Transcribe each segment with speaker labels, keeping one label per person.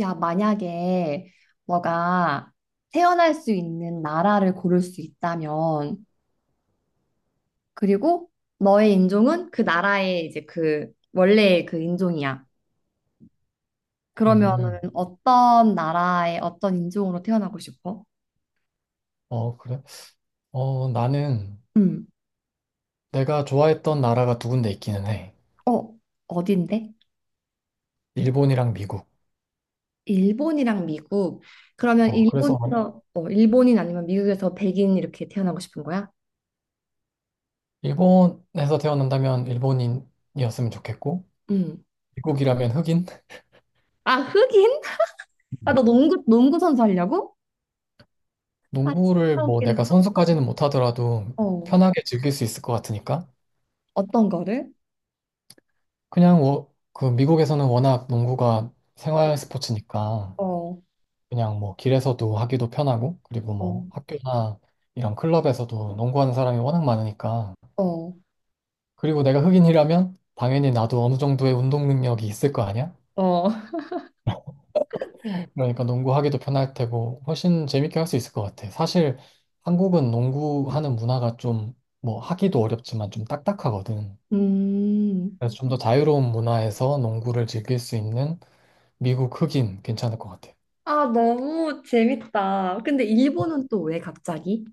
Speaker 1: 야, 만약에 너가 태어날 수 있는 나라를 고를 수 있다면, 그리고 너의 인종은 그 나라의 원래의 인종이야. 그러면은
Speaker 2: 음,
Speaker 1: 어떤 나라의 어떤 인종으로 태어나고 싶어?
Speaker 2: 어, 그래? 나는
Speaker 1: 음.
Speaker 2: 내가 좋아했던 나라가 두 군데 있기는 해.
Speaker 1: 어, 어딘데?
Speaker 2: 일본이랑 미국.
Speaker 1: 일본이랑 미국. 그러면
Speaker 2: 어, 그래서
Speaker 1: 일본에서 일본인 아니면 미국에서 백인 이렇게 태어나고 싶은 거야?
Speaker 2: 일본에서 태어난다면 일본인이었으면 좋겠고,
Speaker 1: 음.
Speaker 2: 미국이라면 흑인?
Speaker 1: 아, 흑인? 아, 너
Speaker 2: 음.
Speaker 1: 농구 선수 하려고? 아, 진짜
Speaker 2: 농구를 뭐 내가
Speaker 1: 웃긴다.
Speaker 2: 선수까지는 못하더라도
Speaker 1: 어.
Speaker 2: 편하게 즐길 수 있을 것 같으니까.
Speaker 1: 어떤 거를?
Speaker 2: 그냥 그 미국에서는 워낙 농구가
Speaker 1: 어,
Speaker 2: 생활 스포츠니까
Speaker 1: 어,
Speaker 2: 그냥 뭐 길에서도 하기도 편하고, 그리고
Speaker 1: 어,
Speaker 2: 뭐 학교나 이런 클럽에서도 농구하는 사람이 워낙 많으니까
Speaker 1: 어,
Speaker 2: 그리고 내가 흑인이라면 당연히 나도 어느 정도의 운동 능력이 있을 거 아니야?
Speaker 1: 어.
Speaker 2: 그러니까 농구하기도 편할 테고 훨씬 재밌게 할 수 있을 것 같아. 사실 한국은 농구하는 문화가 좀 뭐 하기도 어렵지만 좀 딱딱하거든.
Speaker 1: 음,
Speaker 2: 그래서 좀 더 자유로운 문화에서 농구를 즐길 수 있는 미국 흑인 괜찮을 것 같아.
Speaker 1: 아, 너무 재밌다. 근데 일본은 또 왜 갑자기?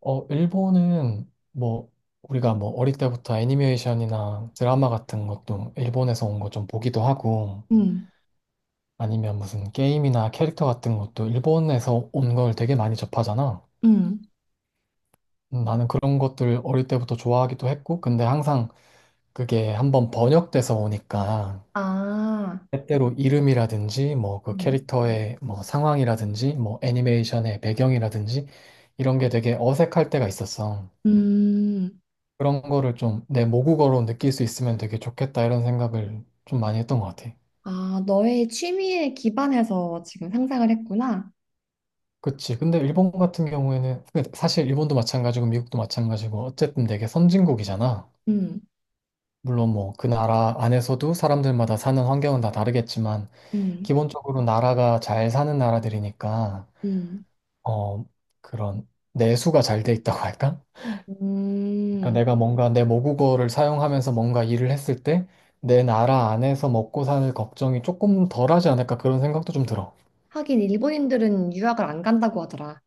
Speaker 2: 어, 일본은 뭐 우리가 뭐 어릴 때부터 애니메이션이나 드라마 같은 것도 일본에서 온 거 좀 보기도 하고
Speaker 1: 음,
Speaker 2: 아니면 무슨 게임이나 캐릭터 같은 것도 일본에서 온 걸 되게 많이 접하잖아.
Speaker 1: 음,
Speaker 2: 나는 그런 것들 어릴 때부터 좋아하기도 했고, 근데 항상 그게 한번 번역돼서 오니까
Speaker 1: 아,
Speaker 2: 때때로 이름이라든지 뭐 그
Speaker 1: 음.
Speaker 2: 캐릭터의 뭐 상황이라든지 뭐 애니메이션의 배경이라든지 이런 게 되게 어색할 때가 있었어.
Speaker 1: 음,
Speaker 2: 그런 거를 좀 내 모국어로 느낄 수 있으면 되게 좋겠다 이런 생각을 좀 많이 했던 것 같아.
Speaker 1: 아, 너의 취미에 기반해서 지금 상상을 했구나.
Speaker 2: 그치. 근데 일본 같은 경우에는, 근데 사실 일본도 마찬가지고 미국도 마찬가지고 어쨌든 되게 선진국이잖아.
Speaker 1: 음,
Speaker 2: 물론 뭐 그 나라 안에서도 사람들마다 사는 환경은 다 다르겠지만,
Speaker 1: 음,
Speaker 2: 기본적으로 나라가 잘 사는 나라들이니까,
Speaker 1: 음.
Speaker 2: 어, 그런 내수가 잘 돼 있다고 할까? 그러니까
Speaker 1: 음,
Speaker 2: 내가 뭔가 내 모국어를 사용하면서 뭔가 일을 했을 때, 내 나라 안에서 먹고 사는 걱정이 조금 덜하지 않을까 그런 생각도 좀 들어.
Speaker 1: 하긴 일본인들은 유학을 안 간다고 하더라.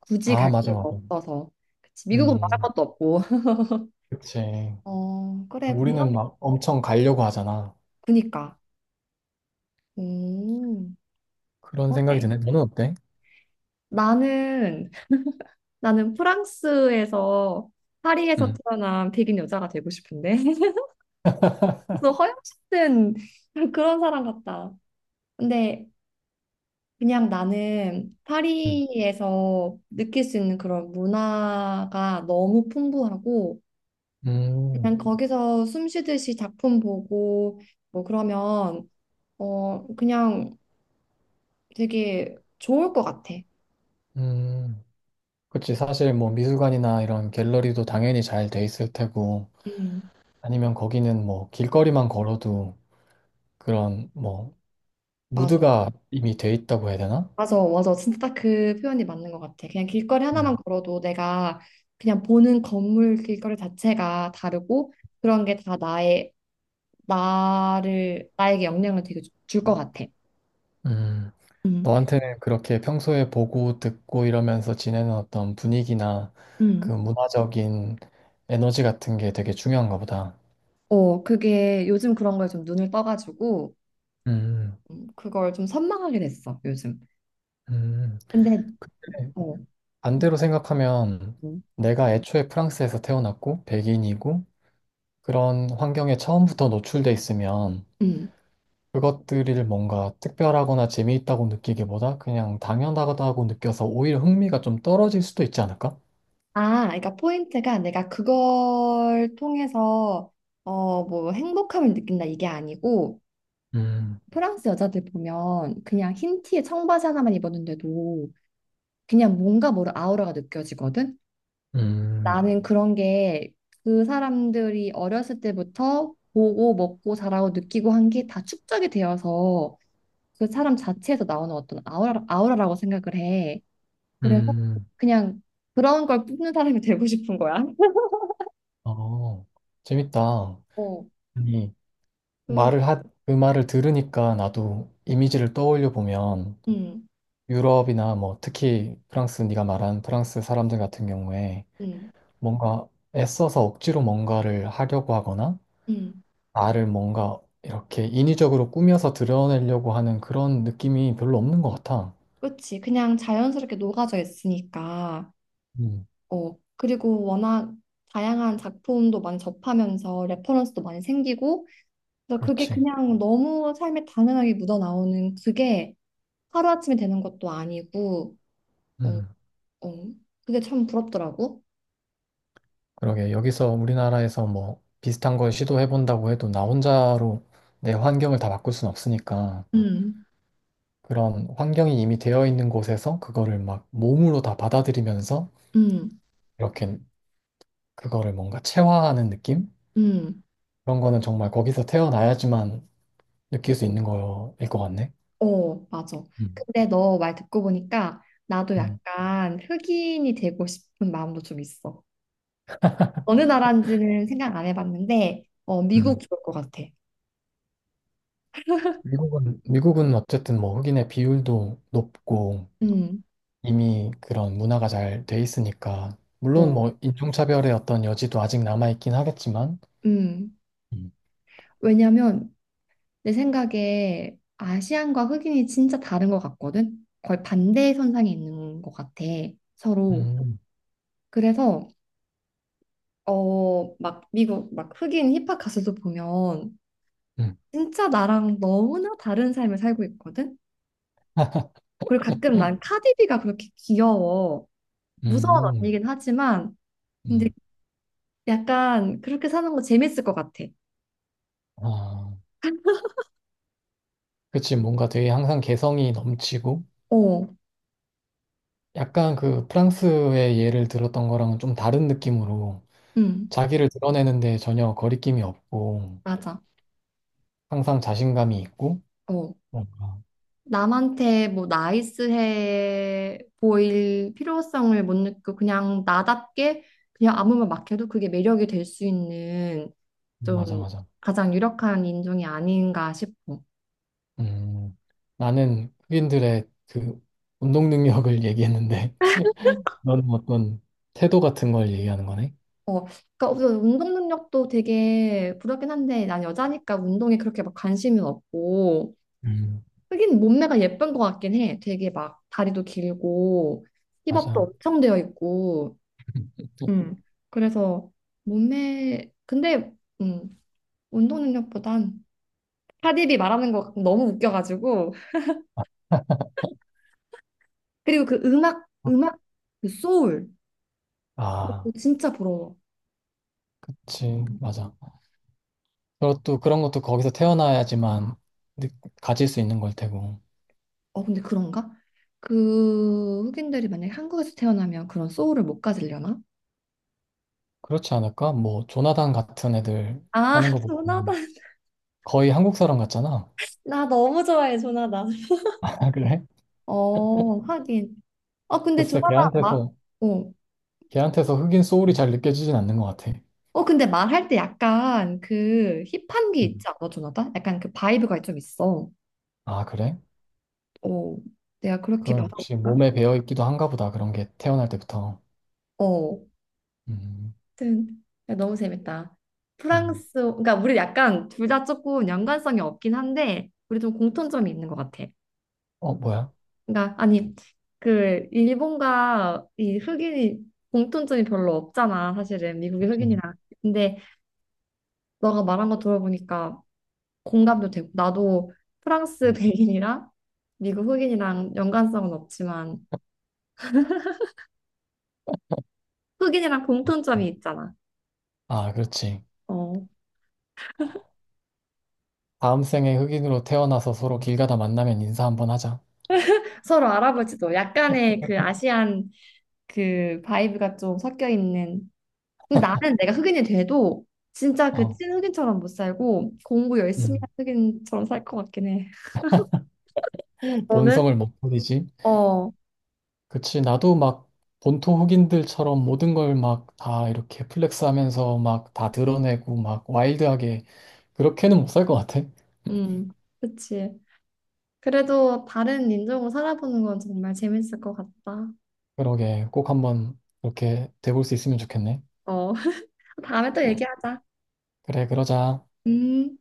Speaker 1: 굳이
Speaker 2: 아,
Speaker 1: 갈
Speaker 2: 맞아,
Speaker 1: 필요가
Speaker 2: 맞아.
Speaker 1: 없어서. 그치, 미국은 말할
Speaker 2: 음,
Speaker 1: 것도 없고.
Speaker 2: 그치.
Speaker 1: 어, 그래, 공감,
Speaker 2: 우리는 막 엄청 가려고 하잖아.
Speaker 1: 그니까. 음.
Speaker 2: 그런 생각이
Speaker 1: 그러네.
Speaker 2: 드네. 너는 어때?
Speaker 1: 나는, 나는 프랑스에서, 파리에서
Speaker 2: 음,
Speaker 1: 태어난 백인 여자가 되고 싶은데. 그래서 허영심은 그런 사람 같다. 근데 그냥 나는
Speaker 2: 음,
Speaker 1: 파리에서 느낄 수 있는 그런 문화가 너무 풍부하고, 그냥
Speaker 2: 음,
Speaker 1: 거기서 숨 쉬듯이 작품 보고, 뭐 그러면, 어, 그냥 되게 좋을 것 같아.
Speaker 2: 음. 그치. 사실 뭐 미술관이나 이런 갤러리도 당연히 잘 돼 있을 테고,
Speaker 1: 음,
Speaker 2: 아니면 거기는 뭐 길거리만 걸어도 그런 뭐
Speaker 1: 맞아.
Speaker 2: 무드가 이미 돼 있다고 해야 되나?
Speaker 1: 맞아, 맞아. 진짜 딱 그 표현이 맞는 것 같아. 그냥 길거리 하나만
Speaker 2: 음.
Speaker 1: 걸어도 내가 그냥 보는 건물 길거리 자체가 다르고 그런 게 다 나의, 나를, 나에게 영향을 되게 줄 것 같아.
Speaker 2: 음.
Speaker 1: 음.
Speaker 2: 너한테는 그렇게 평소에 보고 듣고 이러면서 지내는 어떤 분위기나 그
Speaker 1: 음.
Speaker 2: 문화적인 에너지 같은 게 되게 중요한가 보다.
Speaker 1: 어, 그게 요즘 그런 거에 좀 눈을 떠가지고
Speaker 2: 음,
Speaker 1: 그걸 좀 선망하게 됐어, 요즘.
Speaker 2: 음.
Speaker 1: 근데, 어,
Speaker 2: 반대로 생각하면
Speaker 1: 음.
Speaker 2: 내가 애초에 프랑스에서 태어났고 백인이고 그런 환경에 처음부터 노출돼 있으면
Speaker 1: 음.
Speaker 2: 그것들을 뭔가 특별하거나 재미있다고 느끼기보다 그냥 당연하다고 느껴서 오히려 흥미가 좀 떨어질 수도 있지 않을까?
Speaker 1: 아, 그러니까 포인트가 내가 그걸 통해서 어, 뭐 행복함을 느낀다 이게 아니고
Speaker 2: 음,
Speaker 1: 프랑스 여자들 보면 그냥 흰 티에 청바지 하나만 입었는데도 그냥 뭔가 모를 아우라가 느껴지거든?
Speaker 2: 음,
Speaker 1: 나는 그런 게 그 사람들이 어렸을 때부터 보고 먹고 자라고 느끼고 한 게 다 축적이 되어서 그 사람 자체에서 나오는 어떤 아우라, 아우라라고 생각을 해. 그래서
Speaker 2: 음,
Speaker 1: 그냥 그런 걸 뿜는 사람이 되고 싶은 거야.
Speaker 2: 어, 재밌다.
Speaker 1: 어,
Speaker 2: 아니,
Speaker 1: 그,
Speaker 2: 그 말을 들으니까 나도 이미지를 떠올려 보면
Speaker 1: 음,
Speaker 2: 유럽이나 뭐 특히 프랑스, 네가 말한 프랑스 사람들 같은 경우에
Speaker 1: 음,
Speaker 2: 뭔가 애써서 억지로 뭔가를 하려고 하거나
Speaker 1: 음.
Speaker 2: 나를 뭔가 이렇게 인위적으로 꾸며서 드러내려고 하는 그런 느낌이 별로 없는 것 같아.
Speaker 1: 그치. 그냥 자연스럽게 녹아져 있으니까.
Speaker 2: 음,
Speaker 1: 어, 그리고 워낙 다양한 작품도 많이 접하면서 레퍼런스도 많이 생기고, 그래서 그게
Speaker 2: 그렇지.
Speaker 1: 그냥 너무 삶에 당연하게 묻어나오는 그게 하루아침에 되는 것도 아니고, 어,
Speaker 2: 음,
Speaker 1: 어, 그게 참 부럽더라고.
Speaker 2: 그러게. 여기서 우리나라에서 뭐 비슷한 걸 시도해본다고 해도 나 혼자로 내 환경을 다 바꿀 순 없으니까
Speaker 1: 음,
Speaker 2: 그런 환경이 이미 되어 있는 곳에서 그거를 막 몸으로 다 받아들이면서
Speaker 1: 음,
Speaker 2: 이렇게 그거를 뭔가 체화하는 느낌?
Speaker 1: 음,
Speaker 2: 그런 거는 정말 거기서 태어나야지만 느낄 수 있는 거일 것 같네.
Speaker 1: 어, 맞아.
Speaker 2: 음,
Speaker 1: 근데 너 말 듣고 보니까 나도
Speaker 2: 음,
Speaker 1: 약간 흑인이 되고 싶은 마음도 좀 있어. 어느 나라인지는 생각 안 해봤는데, 어, 미국
Speaker 2: 음.
Speaker 1: 좋을 것 같아.
Speaker 2: 미국은 어쨌든 뭐 흑인의 비율도 높고
Speaker 1: 음,
Speaker 2: 이미 그런 문화가 잘 돼 있으니까 물론
Speaker 1: 어,
Speaker 2: 뭐 인종차별의 어떤 여지도 아직 남아 있긴 하겠지만
Speaker 1: 음.
Speaker 2: 음,
Speaker 1: 왜냐면 내 생각에 아시안과 흑인이 진짜 다른 것 같거든? 거의 반대의 선상에 있는 것 같아, 서로.
Speaker 2: 음,
Speaker 1: 그래서, 어, 막 미국, 막 흑인 힙합 가수도 보면
Speaker 2: 음,
Speaker 1: 진짜 나랑 너무나 다른 삶을 살고 있거든? 그리고 가끔 난 카디비가 그렇게 귀여워. 무서운
Speaker 2: 음,
Speaker 1: 언니긴 하지만, 근데
Speaker 2: 음.
Speaker 1: 약간 그렇게 사는 거 재밌을 것 같아.
Speaker 2: 아, 그치 뭔가 되게 항상 개성이 넘치고
Speaker 1: 어,
Speaker 2: 약간 그 프랑스의 예를 들었던 거랑은 좀 다른 느낌으로
Speaker 1: 응,
Speaker 2: 자기를 드러내는데 전혀 거리낌이 없고
Speaker 1: 맞아.
Speaker 2: 항상 자신감이 있고
Speaker 1: 어.
Speaker 2: 뭔가
Speaker 1: 남한테 뭐 나이스해 보일 필요성을 못 느끼고 그냥 나답게 그냥 아무 말 막 해도 그게 매력이 될 수 있는 좀
Speaker 2: 맞아 맞아
Speaker 1: 가장 유력한 인종이 아닌가 싶어.
Speaker 2: 음, 나는 흑인들의 그 운동 능력을 얘기했는데 너는 어떤 태도 같은 걸 얘기하는 거네?
Speaker 1: 어, 그러니까 우선 운동 능력도 되게 부럽긴 한데 난 여자니까 운동에 그렇게 막 관심은 없고
Speaker 2: 음,
Speaker 1: 하긴 몸매가 예쁜 것 같긴 해. 되게 막 다리도 길고 힙업도
Speaker 2: 맞아.
Speaker 1: 엄청 되어 있고.
Speaker 2: 또-
Speaker 1: 음. 그래서 몸매 근데 음. 운동 능력보단 카디비 말하는 거 너무 웃겨가지고 그리고 그 음악 그 소울
Speaker 2: 아,
Speaker 1: 진짜 부러워.
Speaker 2: 그치, 맞아. 그리고 또 그런 것도 거기서 태어나야지만 느- 가질 수 있는 걸 테고.
Speaker 1: 어 근데 그런가? 그 흑인들이 만약에 한국에서 태어나면 그런 소울을 못 가지려나?
Speaker 2: 그렇지 않을까? 뭐 조나단 같은 애들
Speaker 1: 아
Speaker 2: 하는 거 보면
Speaker 1: 조나단
Speaker 2: 거의 한국 사람 같잖아.
Speaker 1: 나 너무 좋아해 조나단.
Speaker 2: 아, 그래?
Speaker 1: 어 하긴. 어 근데
Speaker 2: 글쎄,
Speaker 1: 조나단 막
Speaker 2: 걔한테서
Speaker 1: 어.
Speaker 2: 걔한테서 흑인 소울이 잘 느껴지진 않는 것 같아.
Speaker 1: 어 근데 말할 때 약간 그 힙한 게
Speaker 2: 음.
Speaker 1: 있지 않아 조나단? 약간 그 바이브가 좀 있어.
Speaker 2: 아, 그래?
Speaker 1: 어 내가 그렇게
Speaker 2: 그건
Speaker 1: 봐서
Speaker 2: 혹시
Speaker 1: 그런가?
Speaker 2: 몸에 배어 있기도 한가 보다. 그런 게 태어날 때부터.
Speaker 1: 어.
Speaker 2: 음,
Speaker 1: 아무튼 야, 너무 재밌다.
Speaker 2: 음.
Speaker 1: 프랑스, 그러니까 우리 약간 둘 다 조금 연관성이 없긴 한데 우리 좀 공통점이 있는 것 같아.
Speaker 2: 어, 뭐야?
Speaker 1: 그러니까 아니 그 일본과 이 흑인이 공통점이 별로 없잖아, 사실은 미국의
Speaker 2: 음,
Speaker 1: 흑인이랑. 근데 너가 말한 거 들어보니까 공감도 되고 나도 프랑스
Speaker 2: 음,
Speaker 1: 백인이랑 미국 흑인이랑 연관성은 없지만 흑인이랑 공통점이
Speaker 2: 음.
Speaker 1: 있잖아.
Speaker 2: 아, 그렇지.
Speaker 1: 어,
Speaker 2: 다음 생에 흑인으로 태어나서 서로 길 가다 만나면 인사 한번 하자.
Speaker 1: 서로 알아보지도 약간의 그 아시안 그 바이브가 좀 섞여 있는. 근데 나는 내가 흑인이 돼도 진짜 그
Speaker 2: 어,
Speaker 1: 찐 흑인처럼 못 살고 공부 열심히 한
Speaker 2: 음.
Speaker 1: 흑인처럼 살 것 같긴 해. 너는?
Speaker 2: 본성을 못 버리지.
Speaker 1: 어,
Speaker 2: 그치. 나도 막 본토 흑인들처럼 모든 걸 막 다 이렇게 플렉스 하면서 막 다 드러내고 막 와일드하게 그렇게는 못 살 것 같아.
Speaker 1: 음, 그치. 그래도 다른 인종으로 살아보는 건 정말 재밌을 것 같다.
Speaker 2: 그러게. 꼭 한번 그렇게 돼볼 수 있으면 좋겠네.
Speaker 1: 어, 다음에 또 얘기하자.
Speaker 2: 그래, 그러자.
Speaker 1: 음.